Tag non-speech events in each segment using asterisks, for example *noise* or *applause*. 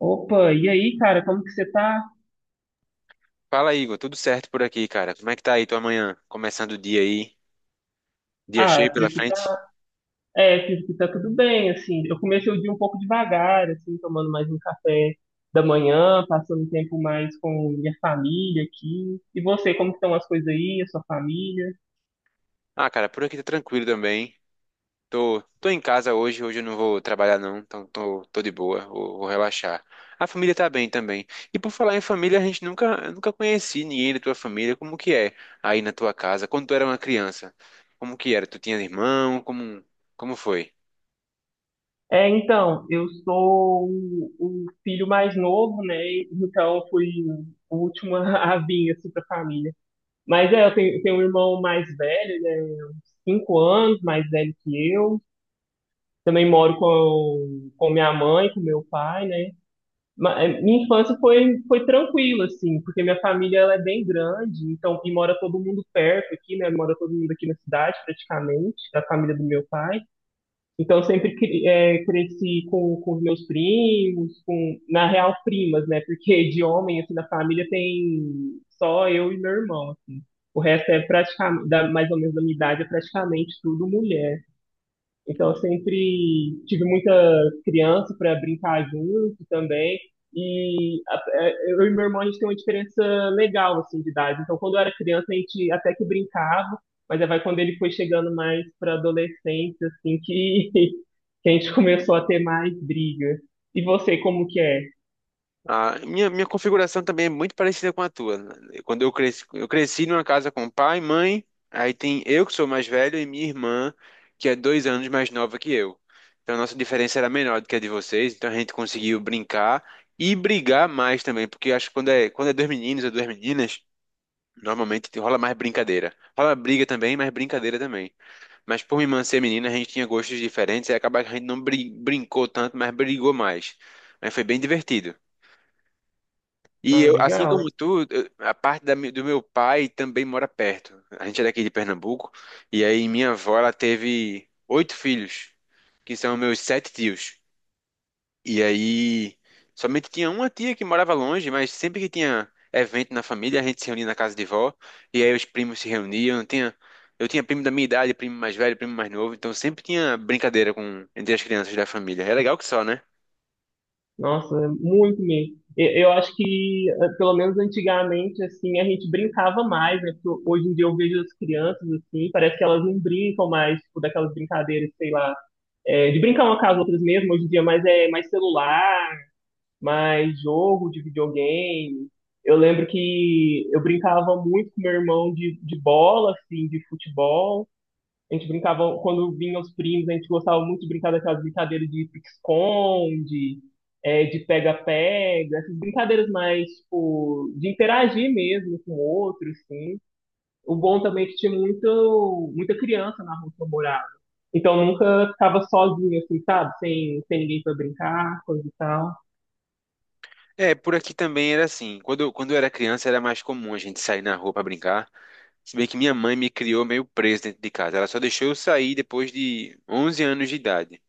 Opa, e aí, cara, como que você tá? Fala, Igor. Tudo certo por aqui, cara? Como é que tá aí tua manhã? Começando o dia aí? Dia Ah, cheio por pela aqui frente? tá. É, por aqui tá tudo bem, assim. Eu comecei o dia um pouco devagar, assim, tomando mais um café da manhã, passando um tempo mais com minha família aqui. E você, como que estão as coisas aí, a sua família? Ah, cara, por aqui tá tranquilo também. Tô em casa hoje. Hoje eu não vou trabalhar, não. Então tô de boa. Vou relaxar. A família tá bem também. E por falar em família, a gente nunca, eu nunca conheci ninguém da tua família. Como que é aí na tua casa? Quando tu era uma criança? Como que era? Tu tinha irmão? Como foi? É, então, eu sou o filho mais novo, né? Então, eu fui o último *laughs* a vir, assim, pra família. Mas é, eu tenho um irmão mais velho, ele é uns 5 anos mais velho que eu. Também moro com minha mãe, com meu pai, né? Minha infância foi, foi tranquila, assim, porque minha família ela é bem grande, então, e mora todo mundo perto aqui, né? Mora todo mundo aqui na cidade, praticamente, da família do meu pai. Então, eu sempre cresci com os meus primos, com, na real, primas, né? Porque de homem, assim, na família tem só eu e meu irmão, assim. O resto é praticamente, mais ou menos da minha idade, é praticamente tudo mulher. Então, eu sempre tive muita criança para brincar junto também. Eu e meu irmão, a gente tem uma diferença legal, assim, de idade. Então, quando eu era criança, a gente até que brincava, mas aí vai quando ele foi chegando mais para adolescência, assim, que, *laughs* que a gente começou a ter mais briga. E você, como que é? Ah, minha configuração também é muito parecida com a tua. Quando eu cresci numa casa com pai, mãe, aí tem eu que sou mais velho e minha irmã, que é 2 anos mais nova que eu. Então a nossa diferença era menor do que a de vocês, então a gente conseguiu brincar e brigar mais também, porque acho que quando é dois meninos ou duas meninas, normalmente rola mais brincadeira. Rola briga também, mas brincadeira também. Mas por minha irmã ser menina, a gente tinha gostos diferentes, e acaba que a gente não brincou tanto, mas brigou mais. Aí foi bem divertido. E Ah, eu, assim legal. como tu, a parte do meu pai também mora perto. A gente é daqui de Pernambuco. E aí minha avó, ela teve oito filhos, que são meus sete tios. E aí somente tinha uma tia que morava longe, mas sempre que tinha evento na família, a gente se reunia na casa de vó. E aí os primos se reuniam. Eu tinha primo da minha idade, primo mais velho, primo mais novo. Então sempre tinha brincadeira entre as crianças da família. É legal que só, né? Nossa, é muito mesmo. Eu acho que, pelo menos antigamente, assim, a gente brincava mais, né? Porque hoje em dia eu vejo as crianças, assim, parece que elas não brincam mais, tipo, daquelas brincadeiras, sei lá, de brincar uma com as outras mesmo, hoje em dia, mas é mais celular, mais jogo de videogame. Eu lembro que eu brincava muito com meu irmão de bola, assim, de futebol, a gente brincava, quando vinham os primos, a gente gostava muito de brincar daquelas brincadeiras de pique-esconde, é, de pega-pega, essas brincadeiras mais, tipo, de interagir mesmo com outros, assim. O bom também é que tinha muita criança na rua que eu morava. Então nunca ficava sozinho, assim, sabe? Sem ninguém pra brincar, coisa e tal. É, por aqui também era assim. Quando eu era criança era mais comum a gente sair na rua pra brincar. Se bem que minha mãe me criou meio preso dentro de casa. Ela só deixou eu sair depois de 11 anos de idade.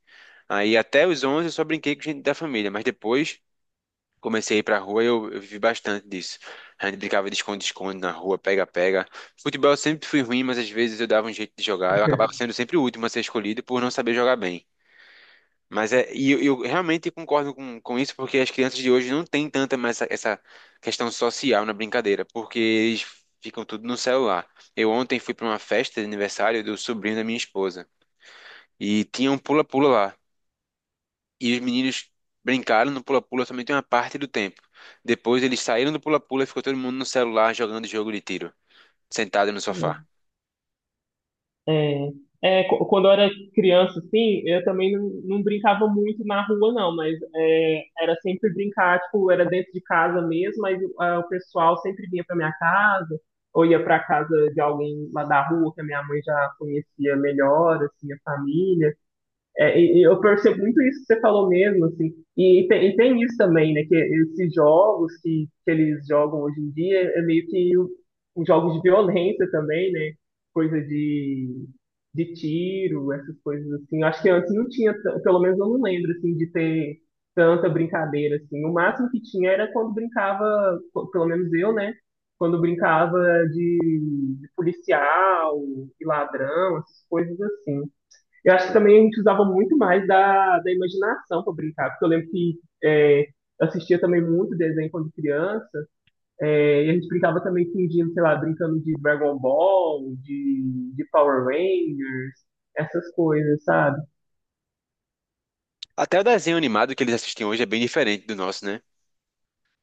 Aí até os 11 eu só brinquei com gente da família, mas depois comecei a ir pra rua e eu vivi bastante disso. A gente brincava de esconde-esconde na rua, pega-pega. Futebol eu sempre fui ruim, mas às vezes eu dava um jeito de jogar. Eu acabava *laughs* sendo sempre o último a ser escolhido por não saber jogar bem. Mas eu realmente concordo com isso, porque as crianças de hoje não têm tanta mais essa, questão social na brincadeira, porque eles ficam tudo no celular. Eu ontem fui para uma festa de aniversário do sobrinho da minha esposa, e tinha um pula-pula lá. E os meninos brincaram no pula-pula somente uma parte do tempo. Depois eles saíram do pula-pula e ficou todo mundo no celular jogando jogo de tiro, sentado no sofá. É, é, quando eu era criança, assim, eu também não brincava muito na rua, não, mas é, era sempre brincar, tipo, era dentro de casa mesmo, mas é, o pessoal sempre vinha pra minha casa, ou ia pra casa de alguém lá da rua, que a minha mãe já conhecia melhor, assim, a família. É, e eu percebo muito isso que você falou mesmo, assim. E, e tem isso também, né? Que esses jogos que eles jogam hoje em dia é meio que um, jogos de violência também, né? Coisa de tiro, essas coisas assim. Eu acho que antes não tinha, pelo menos eu não lembro, assim, de ter tanta brincadeira, assim. O máximo que tinha era quando brincava, pelo menos eu, né? Quando brincava de, de policial e ladrão, essas coisas assim. Eu acho que também a gente usava muito mais da, da imaginação para brincar, porque eu lembro que é, eu assistia também muito desenho quando criança, é, e a gente brincava também fingindo, sei lá, brincando de Dragon Ball, de Power Rangers, essas coisas, sabe? Até o desenho animado que eles assistem hoje é bem diferente do nosso, né?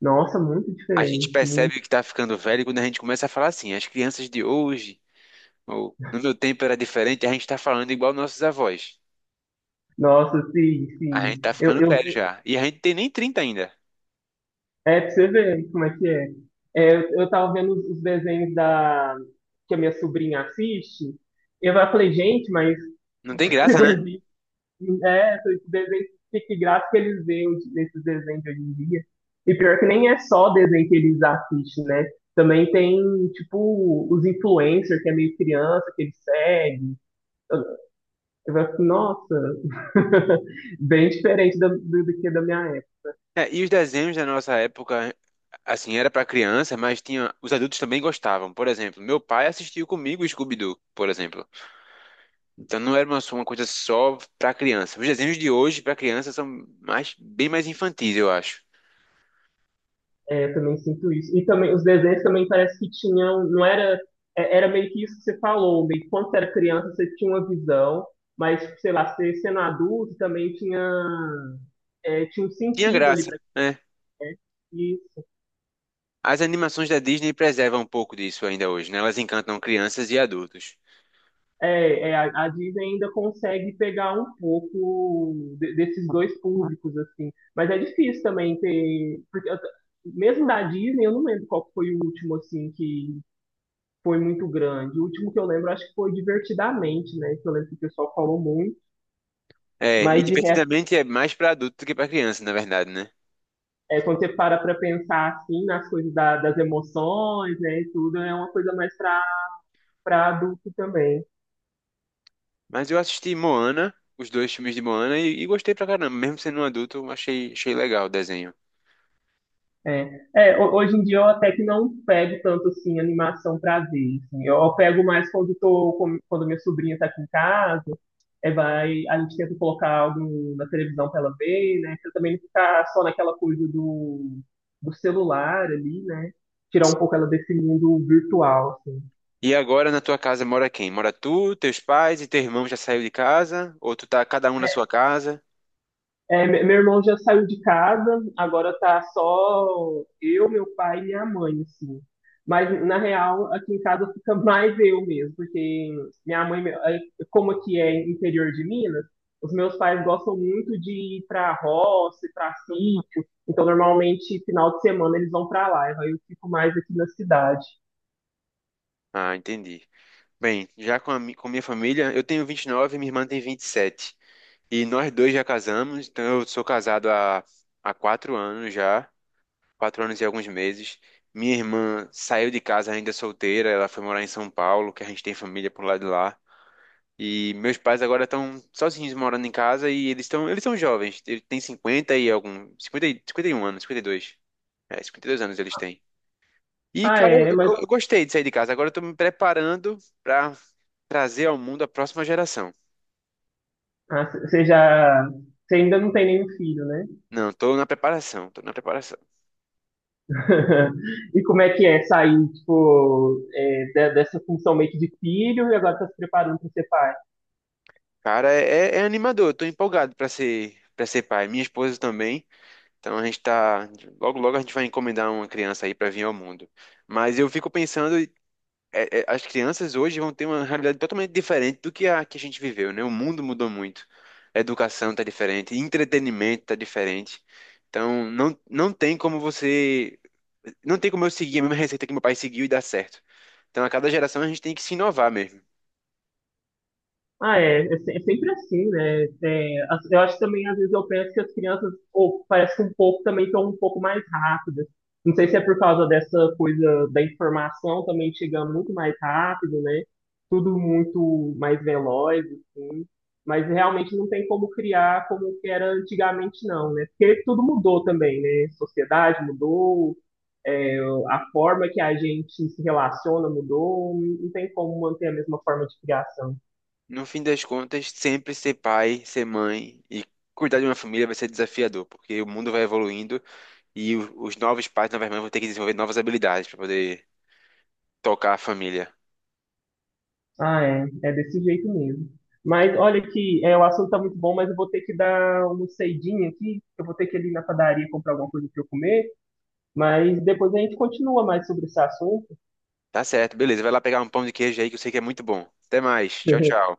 Nossa, muito A gente diferente, muito. percebe que tá ficando velho quando a gente começa a falar assim: as crianças de hoje, ou, no meu tempo era diferente. A gente tá falando igual nossos avós. Nossa, sim, A gente sim. tá ficando velho já. E a gente tem nem 30 ainda. É pra você ver como é que é. É, eu tava vendo os desenhos da, que a minha sobrinha assiste, e eu falei, gente, mas Não tem *laughs* que graça, né? desenho. É, então, esses desenhos, que graça que eles veem nesses desenhos de hoje em dia. E pior que nem é só desenho que eles assistem, né? Também tem, tipo, os influencers, que é meio criança, que eles seguem. Eu, eu falo assim, nossa, *laughs* bem diferente do, do que da minha. É, e os desenhos da nossa época, assim, era pra criança, mas tinha, os adultos também gostavam. Por exemplo, meu pai assistiu comigo Scooby-Doo, por exemplo. Então não era só uma coisa só pra criança. Os desenhos de hoje pra criança são bem mais infantis, eu acho. É, eu também sinto isso. E também os desenhos também parece que tinham, não era, era meio que isso que você falou, meio que quando você era criança você tinha uma visão, mas sei lá, você sendo adulto também tinha, é, tinha um Tinha sentido ali graça, para né? isso. As animações da Disney preservam um pouco disso ainda hoje, né? Elas encantam crianças e adultos. É, é, a Disney ainda consegue pegar um pouco desses dois públicos assim, mas é difícil também ter, porque mesmo da Disney eu não lembro qual foi o último assim que foi muito grande. O último que eu lembro, acho que foi Divertidamente, né? Que eu lembro que o pessoal falou muito. É, e Mas de resto, Divertidamente é mais pra adulto do que pra criança, na verdade, né? é, quando você para para pensar assim nas coisas das emoções, né, e tudo, é uma coisa mais para para adulto também. Mas eu assisti Moana, os dois filmes de Moana, e gostei pra caramba. Mesmo sendo um adulto, eu achei legal o desenho. É, é, hoje em dia eu até que não pego tanto assim animação pra ver, assim. Eu pego mais quando tô, quando minha sobrinha tá aqui em casa, é, vai, a gente tenta colocar algo na televisão pra ela ver, né? Pra também não ficar só naquela coisa do, do celular ali, né? Tirar um pouco ela desse mundo virtual, assim. E agora na tua casa mora quem? Mora tu, teus pais e teu irmão já saiu de casa? Ou tu tá cada um na sua casa? É, meu irmão já saiu de casa, agora tá só eu, meu pai e minha mãe, assim. Mas, na real, aqui em casa fica *laughs* mais eu mesmo, porque minha mãe, meu- como aqui é interior de Minas, os meus pais gostam muito de ir pra roça, ir pra sítio, então, normalmente, final de semana eles vão pra lá, aí eu fico mais aqui na cidade. Ah, entendi. Bem, já com minha família, eu tenho 29 e nove e minha irmã tem 27. E sete. E nós dois já casamos, então eu sou casado há 4 anos já. Quatro anos e alguns meses. Minha irmã saiu de casa ainda solteira, ela foi morar em São Paulo, que a gente tem família por lá de lá. E meus pais agora estão sozinhos morando em casa e eles são jovens, eles têm 50 e algum, 51 anos, 52. É, 52 anos eles têm. E, Ah, cara, eu, é, mas eu- eu gostei de sair de casa. Agora eu tô me preparando pra trazer ao mundo a próxima geração. Você já, você ainda não tem nenhum filho, né? Não, tô na preparação. *laughs* E como é que é sair, tipo, é, dessa função meio que de filho e agora tá se preparando para ser pai? Cara, é, é animador, eu tô empolgado para ser pai. Minha esposa também. Então a gente tá. Logo, logo a gente vai encomendar uma criança aí pra vir ao mundo. Mas eu fico pensando, é, é, as crianças hoje vão ter uma realidade totalmente diferente do que a gente viveu, né? O mundo mudou muito. A educação tá diferente, entretenimento tá diferente. Então não tem como você. Não tem como eu seguir a mesma receita que meu pai seguiu e dar certo. Então a cada geração a gente tem que se inovar mesmo. Ah, é, é sempre assim, né? É, eu acho que também, às vezes, eu penso que as crianças, ou parece que um pouco também estão um pouco mais rápidas. Não sei se é por causa dessa coisa da informação também chegando muito mais rápido, né? Tudo muito mais veloz, assim. Mas realmente não tem como criar como que era antigamente, não, né? Porque tudo mudou também, né? Sociedade mudou, é, a forma que a gente se relaciona mudou, não tem como manter a mesma forma de criação. No fim das contas, sempre ser pai, ser mãe e cuidar de uma família vai ser desafiador, porque o mundo vai evoluindo. E os novos pais, novas mães vão ter que desenvolver novas habilidades para poder tocar a família. Ah, é. É desse jeito mesmo. Mas olha que é, o assunto tá muito bom, mas eu vou ter que dar uma saidinha aqui. Eu vou ter que ir ali na padaria comprar alguma coisa para eu comer. Mas depois a gente continua mais sobre esse assunto. Tá certo, beleza. Vai lá pegar um pão de queijo aí que eu sei que é muito bom. Até mais. Tchau, *laughs* tchau.